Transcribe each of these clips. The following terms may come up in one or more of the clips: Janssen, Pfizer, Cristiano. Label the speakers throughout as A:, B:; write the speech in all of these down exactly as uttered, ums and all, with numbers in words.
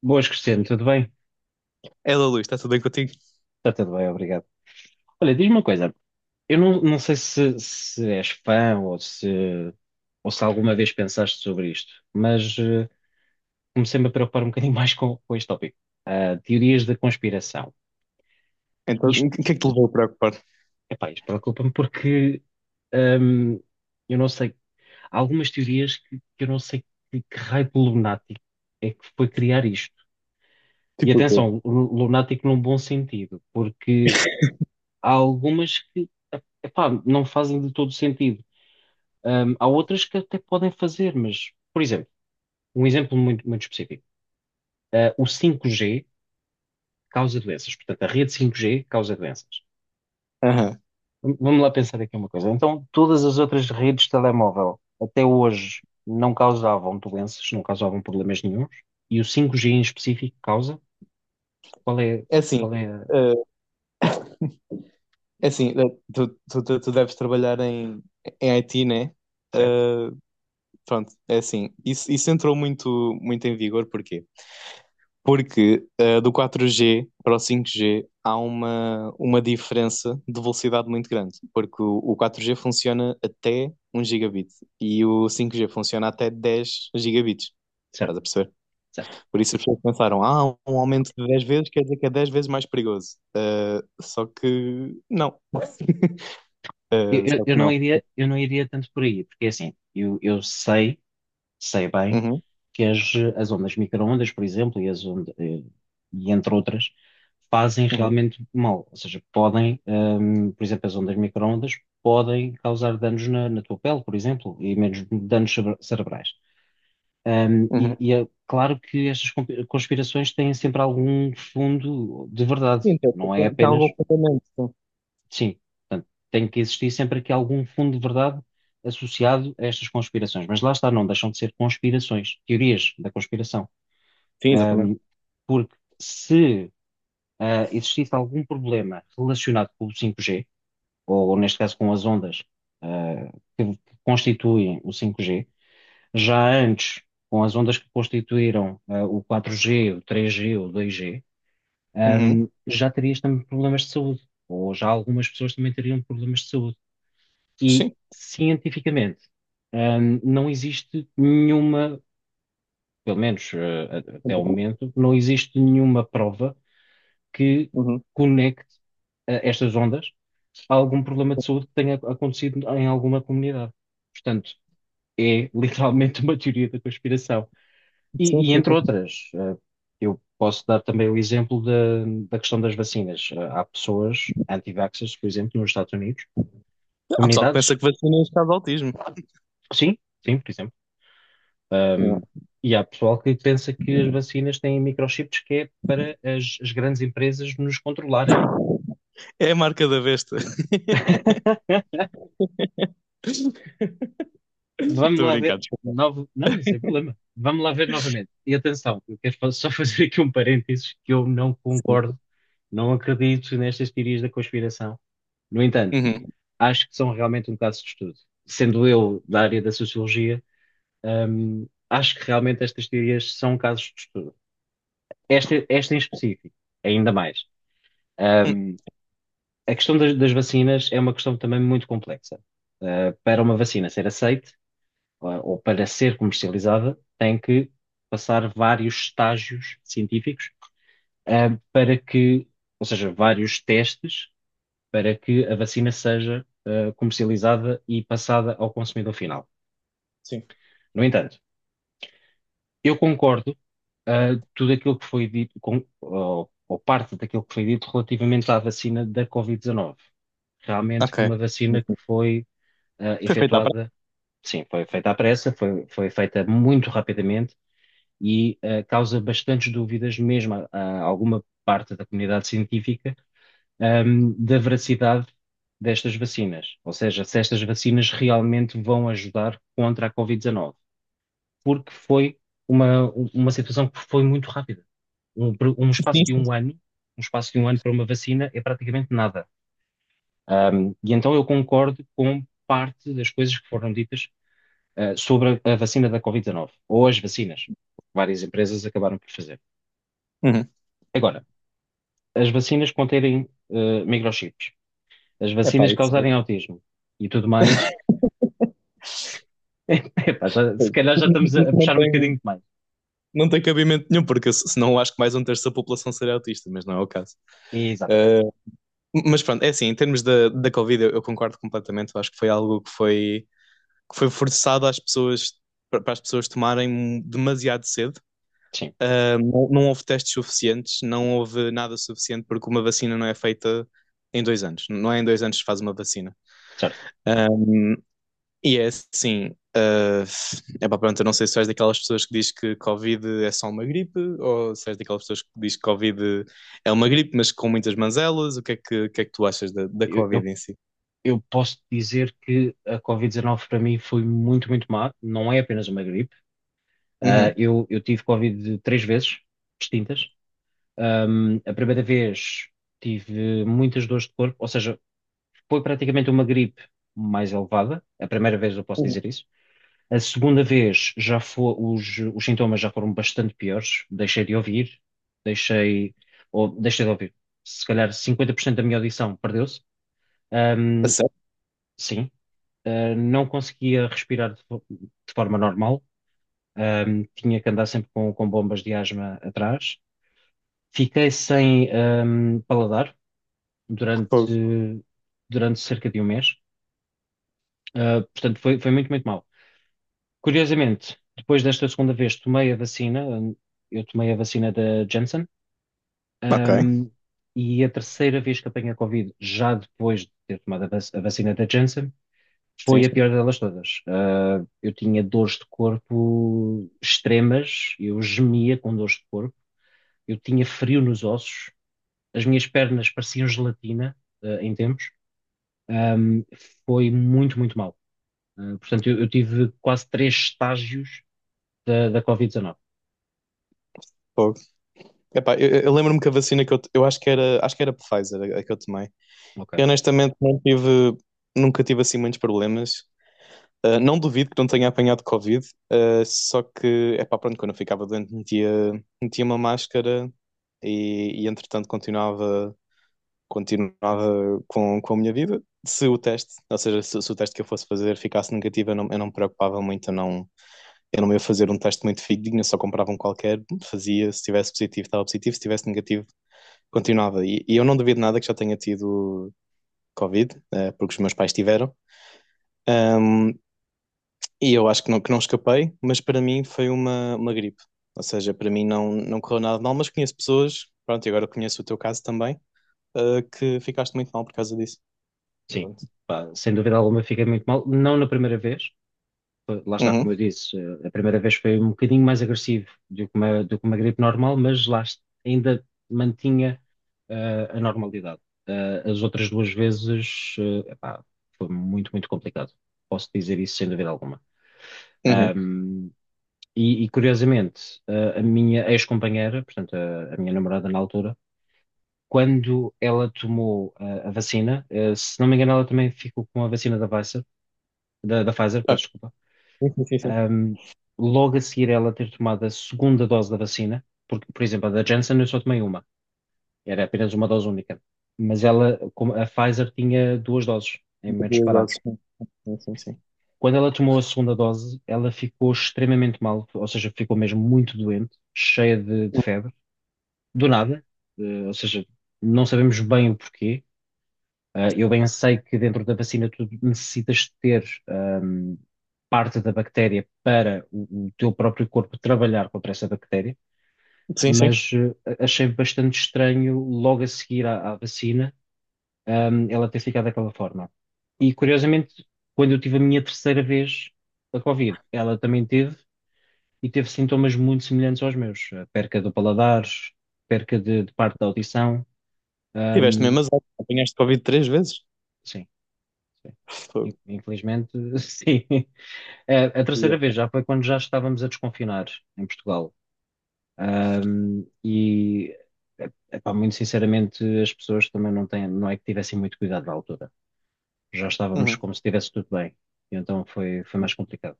A: Boas, Cristiano, tudo bem?
B: Ela, Luís, está tudo bem contigo?
A: Está tudo bem, obrigado. Olha, diz-me uma coisa, eu não, não sei se, se és fã ou se, ou se alguma vez pensaste sobre isto, mas eh, comecei-me a preocupar um bocadinho mais com, com este tópico. Ah, teorias da conspiração.
B: Então, o
A: Isto,
B: que é que te levou a preocupar?
A: Epá, isto preocupa-me porque ahm, eu não sei, há algumas teorias que, que eu não sei que, que raio de lunático é que foi criar isto. E
B: Tipo o quê?
A: atenção, lu- lunático num bom sentido, porque... Há algumas que, epá, não fazem de todo sentido. Ahm, há outras que até podem fazer, mas, por exemplo, um exemplo muito, muito específico. Ah, o cinco G causa doenças. Portanto, a rede cinco G causa doenças.
B: Aham.
A: V- Vamos lá pensar aqui uma coisa. Então, todas as outras redes de telemóvel até hoje não causavam doenças, não causavam problemas nenhuns. E o cinco G em específico causa? Qual é,
B: É assim,
A: qual é a-
B: eh, é assim, eh, tu, tu, tu, tu deves trabalhar em, em I T, né?
A: Certo,
B: Eh, pronto, é assim. Isso, isso entrou muito, muito em vigor, porquê? Porque eh, do quatro G para o cinco G há uma, uma diferença de velocidade muito grande, porque o, o quatro G funciona até um gigabit e o cinco G funciona até dez gigabits.
A: certo,
B: Estás a perceber?
A: certo.
B: Por isso as pessoas pensaram, ah, um aumento de dez vezes quer dizer que é dez vezes mais perigoso. Eh, só que não.
A: Eu,
B: Eh,
A: eu-
B: só
A: eu
B: que
A: não
B: não.
A: iria, eu não iria tanto por aí, porque é assim, eu, eu sei, sei bem
B: Uhum,
A: que as, as ondas micro-ondas, por exemplo, e, as ondas, eh, e entre outras, fazem
B: uhum,
A: realmente mal. Ou seja, podem, hum, por exemplo, as ondas micro-ondas podem causar danos na, na tua pele, por exemplo, e menos danos cere- cerebrais. Hum, e,
B: uhum.
A: e é claro que estas compi- conspirações têm sempre algum fundo de verdade,
B: Sim, tem,
A: não é
B: tem- tem
A: apenas,
B: algum fundamento. Sim,
A: sim, portanto, tem que existir sempre aqui algum fundo de verdade associado a estas conspirações. Mas lá está, não deixam de ser conspirações, teorias da conspiração.
B: sim, exatamente.
A: Hum, Porque se ah, existisse algum problema relacionado com o cinco G, ou ou neste caso com as ondas ah, que, que constituem o cinco G, já antes, com as ondas que constituíram ah, o quatro G, o três G, ou o dois G,
B: Uhum,
A: ahm, já terias também problemas de saúde, ou já algumas pessoas também teriam problemas de saúde. E
B: sim.
A: cientificamente, ahm, não existe nenhuma, pelo menos eh, a- até ao momento, não existe nenhuma prova que
B: Uhum.
A: conecte eh, estas ondas a algum problema de saúde que tenha acontecido em alguma comunidade. Portanto, é literalmente uma teoria da conspiração.
B: Sim,
A: E, e
B: sim,
A: entre
B: sim.
A: outras, eh, eu posso dar também o exemplo da, da questão das vacinas. Eh, Há pessoas anti-vaxxers, por exemplo, nos Estados Unidos,
B: Há pessoal que pensa
A: comunidades,
B: que vacina é um caso de autismo.
A: sim, sim, por exemplo.
B: Não,
A: Ahm, e há pessoal que pensa que as vacinas têm microchips que é para as as grandes empresas nos controlarem.
B: é a marca da besta.
A: Vamos
B: Estou a
A: lá ver.
B: brincar. Desculpa.
A: Novo... Não, sem problema. Vamos lá ver novamente. E atenção, eu quero fa- só fazer aqui um parênteses que eu não
B: Sim,
A: concordo, não acredito nestas teorias da conspiração. No entanto,
B: uhum.
A: acho que são realmente um caso de estudo. Sendo eu da área da sociologia, hum, acho que realmente estas teorias são casos de estudo. Esta, esta em específico, ainda mais.
B: Hum.
A: Hum, a questão das, das vacinas é uma questão também muito complexa. Uh, para uma vacina ser aceite, ah, ou para ser comercializada, tem que passar vários estágios científicos, ah, para que, ou seja, vários testes para que a vacina seja, ah, comercializada e passada ao consumidor final.
B: Sim.
A: No entanto, eu concordo, ah, tudo aquilo que foi dito, com, ou, ou parte daquilo que foi dito relativamente à vacina da Covid dezenove. Realmente
B: Ok.
A: foi uma vacina que
B: Enfim.
A: foi, ah,
B: Foi feita à
A: efetuada.
B: prática.
A: Sim, foi feita à pressa, foi, foi feita muito rapidamente e eh, causa bastantes dúvidas, mesmo a, a alguma parte da comunidade científica, ahm, da veracidade destas vacinas. Ou seja, se estas vacinas realmente vão ajudar contra a Covid dezenove, porque foi uma, uma situação que foi muito rápida. Um, um espaço
B: Sim,
A: de
B: sim.
A: um ano, um espaço de um ano para uma vacina é praticamente nada. Ahm, e então eu concordo com parte das coisas que foram ditas, eh, sobre a, a vacina da Covid dezenove, ou as vacinas, várias empresas acabaram por fazer.
B: Uhum.
A: Agora, as vacinas conterem eh, microchips, as
B: Epá,
A: vacinas
B: isso
A: causarem autismo e tudo mais, epá, já- se calhar já estamos a, a
B: não
A: puxar um
B: tem,
A: bocadinho demais.
B: não tem cabimento nenhum, porque se- senão acho que mais um terço da população seria autista, mas não é o caso.
A: Exatamente,
B: Eh, mas pronto, é assim, em termos da, da Covid, eu, eu concordo completamente. Eu acho que foi algo que foi, que foi forçado às pessoas, para as pessoas tomarem demasiado cedo.
A: sim,
B: Não, não houve testes suficientes, não houve nada suficiente, porque uma vacina não é feita em dois anos. Não é em dois anos que se faz uma vacina.
A: certo.
B: Ah, e é assim, ah, é para pronto, eu não sei se és daquelas pessoas que diz que Covid é só uma gripe, ou se és daquelas pessoas que diz que Covid é uma gripe, mas com muitas manzelas. O que é que, o que é que tu achas da, da
A: Eu, eu,
B: Covid em si?
A: eu posso dizer que a Covid dezenove para mim foi muito, muito má, não é apenas uma gripe. Ah,
B: Uhum.
A: eu, eu tive Covid três vezes distintas. Ahm, a primeira vez tive muitas dores de corpo, ou seja, foi praticamente uma gripe mais elevada. A primeira vez eu posso
B: Uhum.
A: dizer isso. A segunda vez já foi, os, os sintomas já foram bastante piores. Deixei de ouvir, deixei, ou deixei de ouvir. Se calhar cinquenta por cento da minha audição perdeu-se.
B: A
A: Ahm,
B: sério?
A: sim. Ah, não conseguia respirar de, fo- de forma normal. Ahm, tinha que andar sempre com, com bombas de asma atrás. Fiquei sem, ahm, paladar
B: Fogo.
A: durante, durante cerca de um mês. Ah, portanto, foi, foi muito, muito mal. Curiosamente, depois desta segunda vez tomei a vacina, hum, eu tomei a vacina da Janssen,
B: Ok,
A: ahm, e a terceira vez que apanhei a Covid, já depois de ter tomado a vac- a vacina da Janssen,
B: sim,
A: foi a
B: sim.
A: pior delas todas. Ah, eu tinha dores de corpo extremas, eu gemia com dores de corpo, eu tinha frio nos ossos, as minhas pernas pareciam gelatina, ah, em tempos. Ahm, Foi muito, muito mal. Ah, portanto, eu, eu tive quase três estágios da, da Covid dezenove.
B: Fogo. Epá, eu, eu lembro-me que a vacina que eu, eu acho que era, acho que era Pfizer, a, a que eu tomei.
A: Ok.
B: Eu honestamente não tive, nunca tive assim muitos problemas. Ah, não duvido que não tenha apanhado Covid, ah, só que, é pá, pronto, quando eu ficava doente metia, metia uma máscara e, e, entretanto continuava, continuava com, com a minha vida. Se o teste, ou seja, se, se o teste que eu fosse fazer ficasse negativo, eu não, eu não me preocupava muito, eu não, eu não ia fazer um teste muito fidedigno, eu só comprava um qualquer, fazia, se tivesse positivo estava positivo, se tivesse negativo continuava. E, e eu não duvido nada que já tenha tido Covid, eh, porque os meus pais tiveram. Ahm, e eu acho que não, que não, escapei, mas para mim foi uma, uma gripe. Ou seja, para mim não, não correu nada de mal, mas conheço pessoas, pronto, e agora conheço o teu caso também, eh, que ficaste muito mal por causa disso.
A: Sim,
B: Pronto.
A: pá, sem dúvida alguma fiquei muito mal. Não na primeira vez. Foi- lá está, como eu
B: Uhum,
A: disse, eh, a primeira vez foi um bocadinho mais agressivo do que uma, do que uma gripe normal, mas lá est- ainda mantinha eh, a normalidade. Eh, as outras duas vezes, eh, epá, foi muito, muito complicado. Posso dizer isso sem dúvida alguma.
B: uhum.
A: Ahm, e, e, Curiosamente, eh, a minha ex-companheira, portanto, a, a minha namorada na altura, quando ela tomou eh, a vacina, eh, se não me engano, ela também ficou com a vacina da Pfizer da, da Pfizer,
B: Ah,
A: peço desculpa,
B: sim, sim, sim. Sim.
A: ahm, logo a seguir ela ter tomado a segunda dose da vacina, porque, por exemplo, a da Janssen eu só tomei uma, era apenas uma dose única, mas ela, como a Pfizer tinha duas doses em momentos
B: Duas
A: separados.
B: doses, sim. Sim, sim, sim.
A: Quando ela tomou a segunda dose, ela ficou extremamente mal, ou seja, ficou mesmo muito doente, cheia de, de febre, do nada, eh, ou seja, não sabemos bem o porquê. Ah, eu bem sei que dentro da vacina tu necessitas ter ahm, parte da bactéria para o, o teu próprio corpo trabalhar contra essa bactéria,
B: Sim, sim.
A: mas eh, achei bastante estranho logo a seguir à, à vacina, ahm, ela ter ficado daquela forma. E curiosamente, quando eu tive a minha terceira vez da Covid, ela também teve e teve sintomas muito semelhantes aos meus, eh, perca do paladar, perca de, de parte da audição,
B: Tiveste
A: ahm,
B: mesmo azar. Apanhaste Covid três vezes.
A: sim. Sim. In-
B: Fogo.
A: Infelizmente, sim. A, a terceira
B: Yeah.
A: vez já foi quando já estávamos a desconfinar em Portugal. Ahm, e, eh, Epá, muito sinceramente, as pessoas também não têm, não é que tivessem muito cuidado na altura. Já estávamos
B: Uhum.
A: como se estivesse tudo bem. E então foi, foi, mais complicado.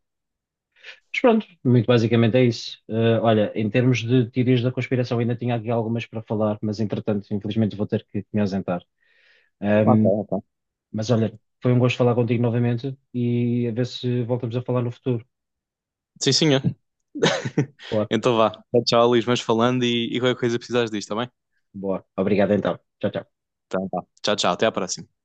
A: Mas pronto, muito basicamente é isso. Ah, olha, em termos de teorias da conspiração, ainda tinha aqui algumas para falar, mas entretanto, infelizmente, vou ter que me ausentar.
B: Ok,
A: Ahm,
B: ok.
A: Mas olha, foi um gosto falar contigo novamente e a ver se voltamos a falar no futuro.
B: Sim, senhor.
A: Boa,
B: Então vá. Tchau, Luís. Mas falando e, e qualquer coisa precisares disto, tá bem?
A: boa. Obrigado então. Tchau, tchau.
B: Então tá. Tchau, tchau. Até a próxima.